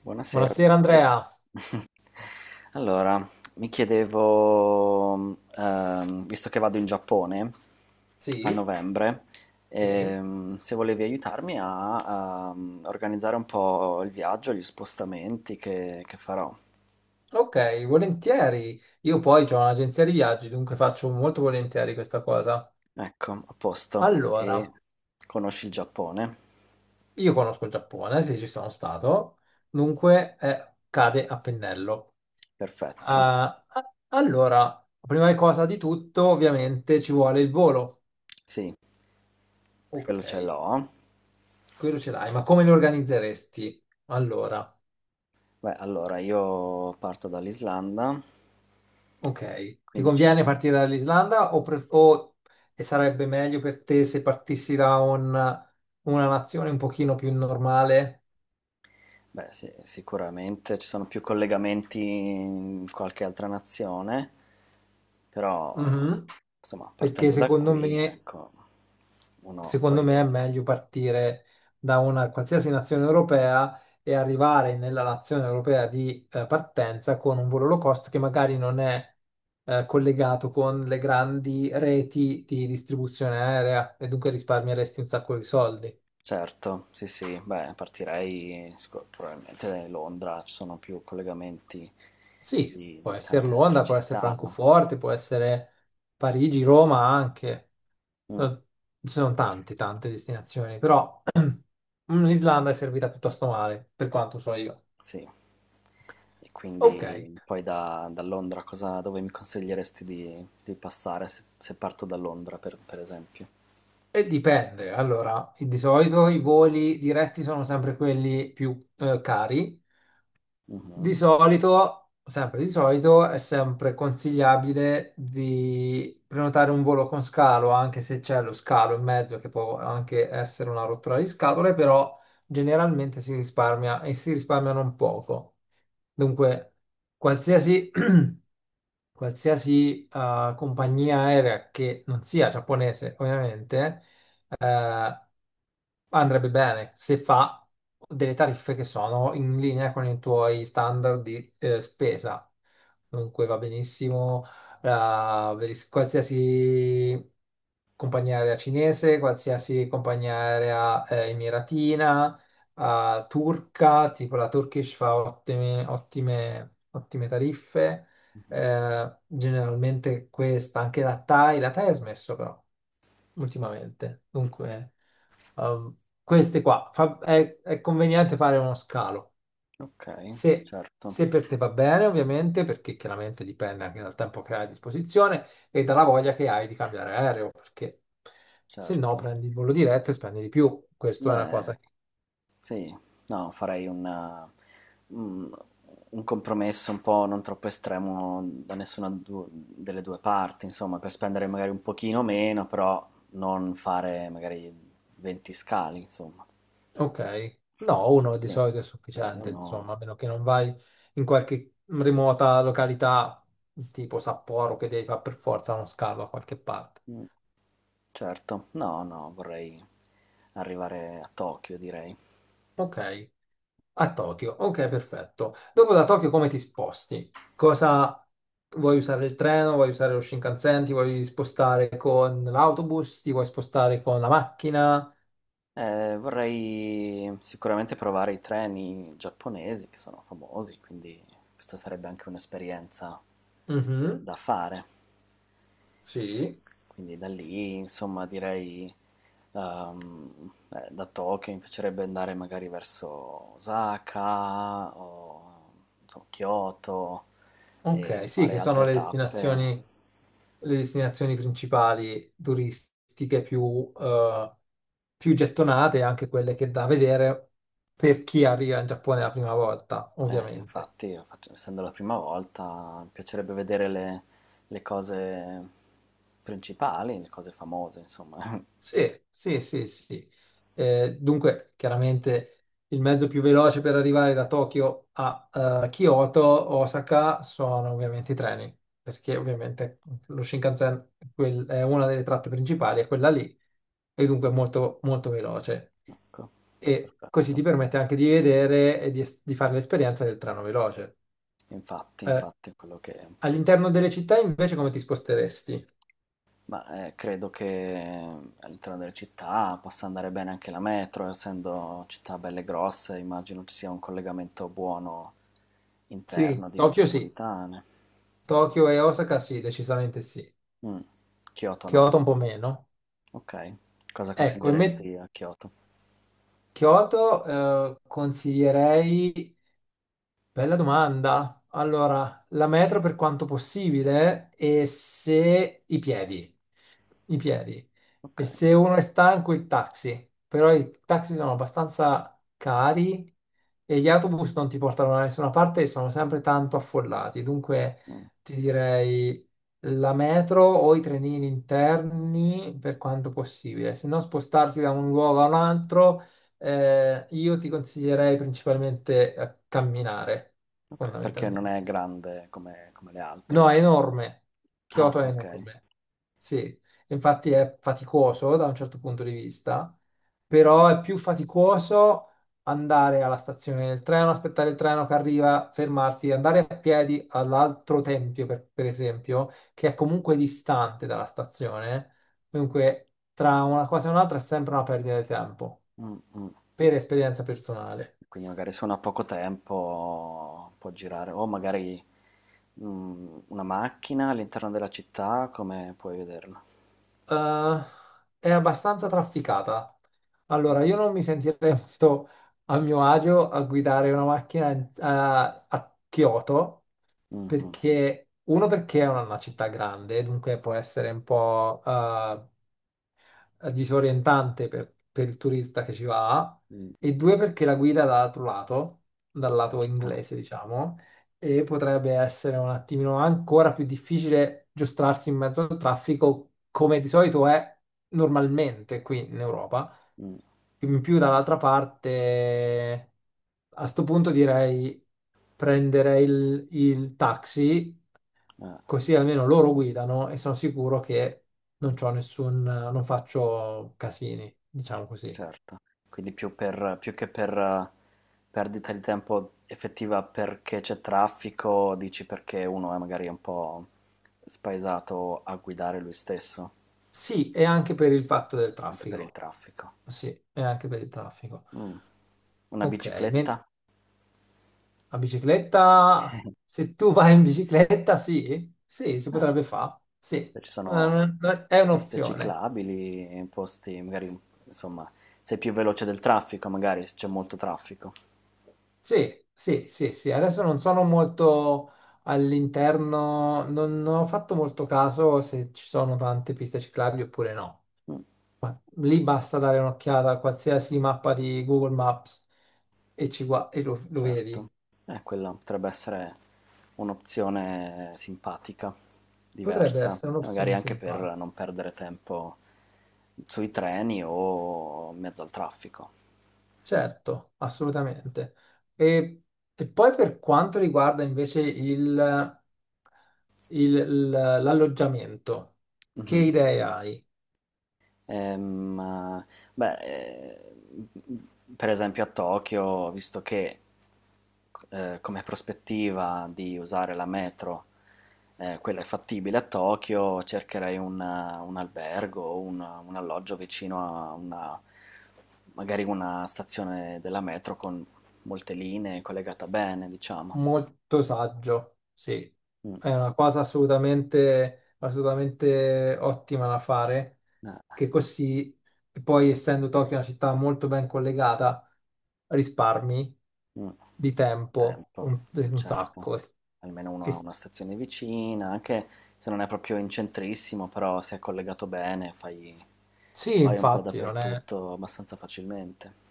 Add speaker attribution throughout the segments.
Speaker 1: Buonasera
Speaker 2: Buonasera
Speaker 1: Vittorio.
Speaker 2: Andrea.
Speaker 1: Allora, mi chiedevo, visto che vado in Giappone a
Speaker 2: Sì,
Speaker 1: novembre,
Speaker 2: sì.
Speaker 1: se volevi aiutarmi a, organizzare un po' il viaggio, gli spostamenti che farò.
Speaker 2: Ok, volentieri. Io poi ho un'agenzia di viaggi, dunque faccio molto volentieri questa cosa.
Speaker 1: Ecco, a posto. E
Speaker 2: Allora,
Speaker 1: conosci il Giappone?
Speaker 2: io conosco il Giappone, sì, ci sono stato, dunque cade a pennello.
Speaker 1: Perfetto.
Speaker 2: Ah, ah, allora, prima cosa di tutto, ovviamente ci vuole il volo.
Speaker 1: Sì,
Speaker 2: Ok,
Speaker 1: quello ce l'ho.
Speaker 2: quello ce l'hai, ma come lo organizzeresti? Allora,
Speaker 1: Beh, allora io parto dall'Islanda,
Speaker 2: ok, ti
Speaker 1: 15
Speaker 2: conviene
Speaker 1: giorni.
Speaker 2: partire dall'Islanda e sarebbe meglio per te se partissi da una nazione un pochino più normale?
Speaker 1: Beh, sì, sicuramente ci sono più collegamenti in qualche altra nazione, però
Speaker 2: Mhm.
Speaker 1: insomma,
Speaker 2: Perché
Speaker 1: partendo da
Speaker 2: secondo
Speaker 1: qui,
Speaker 2: me,
Speaker 1: ecco, uno
Speaker 2: secondo
Speaker 1: poi
Speaker 2: me è
Speaker 1: deve...
Speaker 2: meglio partire da una qualsiasi nazione europea e arrivare nella nazione europea di partenza con un volo low cost che magari non è collegato con le grandi reti di distribuzione aerea e dunque risparmieresti un sacco di soldi.
Speaker 1: Certo, sì, sì, beh, partirei probabilmente da Londra, ci sono più collegamenti
Speaker 2: Sì,
Speaker 1: di,
Speaker 2: può
Speaker 1: di
Speaker 2: essere
Speaker 1: tante altre
Speaker 2: Londra, può essere
Speaker 1: città, no?
Speaker 2: Francoforte, può essere Parigi, Roma anche.
Speaker 1: Mm,
Speaker 2: Eh, Ci sono tante destinazioni, però l'Islanda è servita piuttosto male, per quanto so io.
Speaker 1: sì. E
Speaker 2: Ok,
Speaker 1: quindi poi da Londra cosa, dove mi consiglieresti di passare se, se parto da Londra, per esempio?
Speaker 2: e dipende. Allora, di solito i voli diretti sono sempre quelli più cari. Di
Speaker 1: Mhm.
Speaker 2: solito, sempre di solito, è sempre consigliabile di prenotare un volo con scalo, anche se c'è lo scalo in mezzo, che può anche essere una rottura di scatole, però generalmente si risparmia e si risparmia non poco. Dunque, qualsiasi qualsiasi compagnia aerea che non sia giapponese, ovviamente, eh, andrebbe bene se fa delle tariffe che sono in linea con i tuoi standard di spesa. Dunque va benissimo qualsiasi compagnia aerea cinese, qualsiasi compagnia aerea emiratina, turca, tipo la Turkish fa ottime tariffe generalmente questa, anche la Thai ha smesso però ultimamente. Dunque, eh, queste qua è conveniente fare uno scalo.
Speaker 1: Okay,
Speaker 2: Se,
Speaker 1: certo,
Speaker 2: se per te va bene, ovviamente, perché chiaramente dipende anche dal tempo che hai a disposizione e dalla voglia che hai di cambiare aereo, perché se no
Speaker 1: certo.
Speaker 2: prendi il volo diretto e spendi di più. Questa è una
Speaker 1: Beh,
Speaker 2: cosa.
Speaker 1: sì, no, farei un mhmm, un un compromesso un po' non troppo estremo da nessuna du delle 2 parti, insomma, per spendere magari un pochino meno, però non fare magari 20 scali, insomma.
Speaker 2: Ok, no, uno di
Speaker 1: Ne
Speaker 2: solito è
Speaker 1: u
Speaker 2: sufficiente,
Speaker 1: uno
Speaker 2: insomma, a meno che non vai in qualche remota località tipo Sapporo che devi fare per forza uno scalo a qualche parte.
Speaker 1: mh, certo. No, vorrei arrivare a Tokyo, direi.
Speaker 2: Ok, a Tokyo, ok, perfetto. Dopo da Tokyo come ti sposti? Cosa vuoi usare, il treno? Vuoi usare lo Shinkansen? Ti vuoi spostare con l'autobus? Ti vuoi spostare con la macchina?
Speaker 1: Vorrei sicuramente provare i treni giapponesi che sono famosi, quindi questa sarebbe anche un'esperienza
Speaker 2: Mhm,
Speaker 1: da fare.
Speaker 2: sì.
Speaker 1: Quindi da lì, insomma, direi da Tokyo mi piacerebbe andare magari verso Osaka o non so, Kyoto e
Speaker 2: Ok, sì,
Speaker 1: fare
Speaker 2: che sono
Speaker 1: altre tappe.
Speaker 2: le destinazioni principali turistiche più, più gettonate, anche quelle che da vedere per chi arriva in Giappone la prima volta, ovviamente.
Speaker 1: Infatti, essendo la prima volta, mi piacerebbe vedere le cose principali, le cose famose, insomma.
Speaker 2: Sì, sì, sì, sì. Dunque, chiaramente il mezzo più veloce per arrivare da Tokyo a Kyoto, Osaka, sono ovviamente i treni, perché ovviamente lo Shinkansen è una delle tratte principali, è quella lì, e dunque è
Speaker 1: Mm,
Speaker 2: molto, molto veloce.
Speaker 1: ecco,
Speaker 2: E così ti
Speaker 1: perfetto.
Speaker 2: permette anche di vedere e di fare l'esperienza del treno veloce.
Speaker 1: Infatti,
Speaker 2: Eh,
Speaker 1: infatti, quello che
Speaker 2: All'interno delle
Speaker 1: dicevo.
Speaker 2: città, invece, come ti sposteresti?
Speaker 1: Ma credo che all'interno delle città possa andare bene anche la metro, essendo città belle grosse, immagino ci sia un collegamento buono interno di
Speaker 2: Sì,
Speaker 1: metropolitane.
Speaker 2: Tokyo e Osaka sì, decisamente sì.
Speaker 1: Mm, Kyoto no.
Speaker 2: Kyoto un po' meno.
Speaker 1: Ok, cosa
Speaker 2: Ecco, in me-
Speaker 1: consiglieresti a Kyoto?
Speaker 2: Kyoto consiglierei. Bella domanda. Allora, la metro per quanto possibile e se i piedi. E
Speaker 1: Okay.
Speaker 2: se uno è stanco il taxi, però i taxi sono
Speaker 1: Mh,
Speaker 2: abbastanza cari e gli autobus non ti portano da nessuna parte e sono sempre tanto affollati. Dunque
Speaker 1: mh,
Speaker 2: ti direi la metro o i trenini interni per quanto possibile, se no spostarsi da un luogo a un altro io ti consiglierei principalmente a camminare,
Speaker 1: okay, perché non
Speaker 2: fondamentalmente.
Speaker 1: è grande come come le
Speaker 2: No,
Speaker 1: altre.
Speaker 2: è enorme.
Speaker 1: Ah,
Speaker 2: Kyoto è
Speaker 1: okay.
Speaker 2: enorme. Sì, infatti è faticoso da un certo punto di vista, però è più faticoso andare alla stazione del treno, aspettare il treno che arriva, fermarsi, andare a piedi all'altro tempio, per esempio, che è comunque distante dalla stazione. Dunque, tra una cosa e un'altra è sempre una perdita di tempo,
Speaker 1: Mh, mh.
Speaker 2: per esperienza personale.
Speaker 1: Quindi magari se uno ha poco tempo può girare o magari, una macchina all'interno della città, come puoi vederla?
Speaker 2: Eh, è abbastanza trafficata. Allora,
Speaker 1: Mh-mh.
Speaker 2: io non mi sentirei molto a mio agio a guidare una macchina a Kyoto
Speaker 1: Mh-mh.
Speaker 2: perché uno perché è una città grande, dunque può essere un po' disorientante per il turista che ci va,
Speaker 1: Mh,
Speaker 2: e due perché la guida dall'altro lato, dal lato
Speaker 1: certo.
Speaker 2: inglese, diciamo, e potrebbe essere un attimino ancora più difficile giostrarsi in mezzo al traffico come di solito è normalmente qui in Europa.
Speaker 1: Mh,
Speaker 2: In più, dall'altra parte, a sto punto direi prenderei il taxi.
Speaker 1: eh.
Speaker 2: Così almeno loro guidano e sono sicuro che non c'ho nessun, non faccio casini, diciamo così.
Speaker 1: Certo, quindi più che per, perdita di tempo effettiva perché c'è traffico, dici perché uno è magari un po' spaesato a guidare lui stesso,
Speaker 2: Sì, e anche per il fatto del
Speaker 1: anche per il
Speaker 2: traffico.
Speaker 1: traffico.
Speaker 2: Sì, e anche per il traffico.
Speaker 1: Mh. Una
Speaker 2: Ok, men-
Speaker 1: bicicletta?
Speaker 2: la bicicletta, se tu vai in bicicletta, sì, sì, si
Speaker 1: Eh,
Speaker 2: potrebbe fare, sì.
Speaker 1: beh, ci sono
Speaker 2: È
Speaker 1: piste
Speaker 2: un'opzione.
Speaker 1: ciclabili, posti magari, insomma, sei più veloce del traffico magari, se c'è molto traffico.
Speaker 2: Sì, sì, sì, sì, adesso non sono molto all'interno, non ho fatto molto caso se ci sono tante piste ciclabili oppure no.
Speaker 1: Mh.
Speaker 2: Ma lì basta dare un'occhiata a qualsiasi mappa di Google Maps e lo
Speaker 1: Certo.
Speaker 2: vedi.
Speaker 1: Quella potrebbe essere un'opzione simpatica,
Speaker 2: Potrebbe
Speaker 1: diversa,
Speaker 2: essere
Speaker 1: magari
Speaker 2: un'opzione
Speaker 1: anche per
Speaker 2: simpatica.
Speaker 1: non perdere tempo sui treni o in mezzo al traffico.
Speaker 2: Certo, assolutamente. E, e poi per quanto riguarda invece il- l'alloggiamento, che
Speaker 1: Mhm.
Speaker 2: idee hai?
Speaker 1: Ehm, ma- beh, per esempio a Tokyo, ho visto che come prospettiva di usare la metro, quella è fattibile a Tokyo, cercherei un albergo, un alloggio vicino a una, magari una stazione della metro con molte linee collegata bene, diciamo.
Speaker 2: Molto saggio, sì,
Speaker 1: Mm,
Speaker 2: è una cosa assolutamente, assolutamente ottima da fare,
Speaker 1: eh,
Speaker 2: che così, poi essendo Tokyo una città molto ben collegata, risparmi
Speaker 1: mm,
Speaker 2: di tempo
Speaker 1: tempo,
Speaker 2: un
Speaker 1: certo.
Speaker 2: sacco.
Speaker 1: Almeno uno ha
Speaker 2: E-
Speaker 1: una stazione vicina, anche se non è proprio in centrissimo, però se è collegato bene fai
Speaker 2: sì,
Speaker 1: vai un po'
Speaker 2: infatti, non è...
Speaker 1: dappertutto abbastanza facilmente.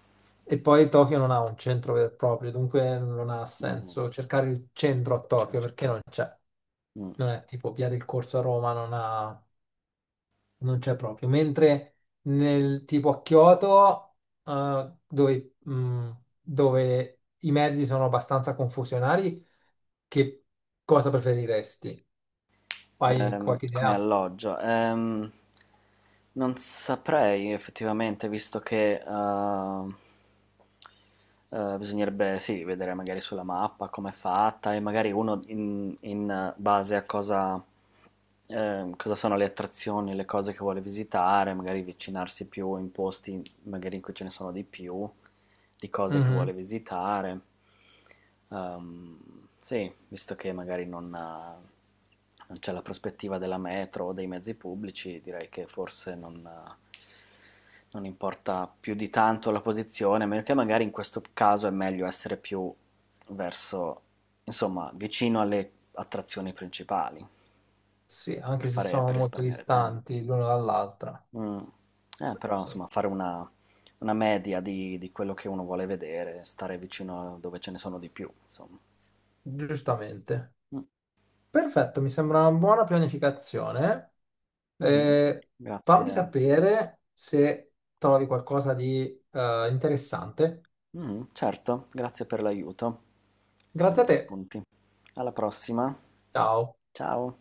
Speaker 2: E poi Tokyo non ha un centro vero e proprio, dunque non ha
Speaker 1: Mh-mh,
Speaker 2: senso cercare il centro a Tokyo perché
Speaker 1: certo.
Speaker 2: non c'è.
Speaker 1: Mh.
Speaker 2: Non è tipo Via del Corso a Roma, non c'è proprio. Mentre nel tipo a Kyoto, dove, dove i mezzi sono abbastanza confusionari, che cosa preferiresti? Hai qualche
Speaker 1: Come
Speaker 2: idea?
Speaker 1: alloggio. Non saprei effettivamente, visto che bisognerebbe sì, vedere magari sulla mappa come è fatta e magari uno in base a cosa, cosa sono le attrazioni, le cose che vuole visitare, magari avvicinarsi più in posti magari in cui ce ne sono di più, di cose che
Speaker 2: Mhm.
Speaker 1: vuole visitare. Sì, visto che magari non c'è la prospettiva della metro o dei mezzi pubblici, direi che forse non importa più di tanto la posizione, a meno che magari in questo caso è meglio essere più verso, insomma, vicino alle attrazioni principali,
Speaker 2: Sì,
Speaker 1: per
Speaker 2: anche se
Speaker 1: fare,
Speaker 2: sono
Speaker 1: per
Speaker 2: molto
Speaker 1: risparmiare tempo.
Speaker 2: distanti l'uno dall'altra.
Speaker 1: Mh. Però
Speaker 2: Sì,
Speaker 1: insomma fare una media di quello che uno vuole vedere, stare vicino a dove ce ne sono di più, insomma.
Speaker 2: giustamente.
Speaker 1: Mh.
Speaker 2: Perfetto, mi sembra una buona pianificazione.
Speaker 1: Mh-mh.
Speaker 2: Eh, Fammi
Speaker 1: Grazie.
Speaker 2: sapere se trovi qualcosa di interessante.
Speaker 1: Mh-mh, certo, grazie per l'aiuto, per
Speaker 2: Grazie a
Speaker 1: gli
Speaker 2: te.
Speaker 1: spunti. Alla prossima.
Speaker 2: Ciao.
Speaker 1: Ciao.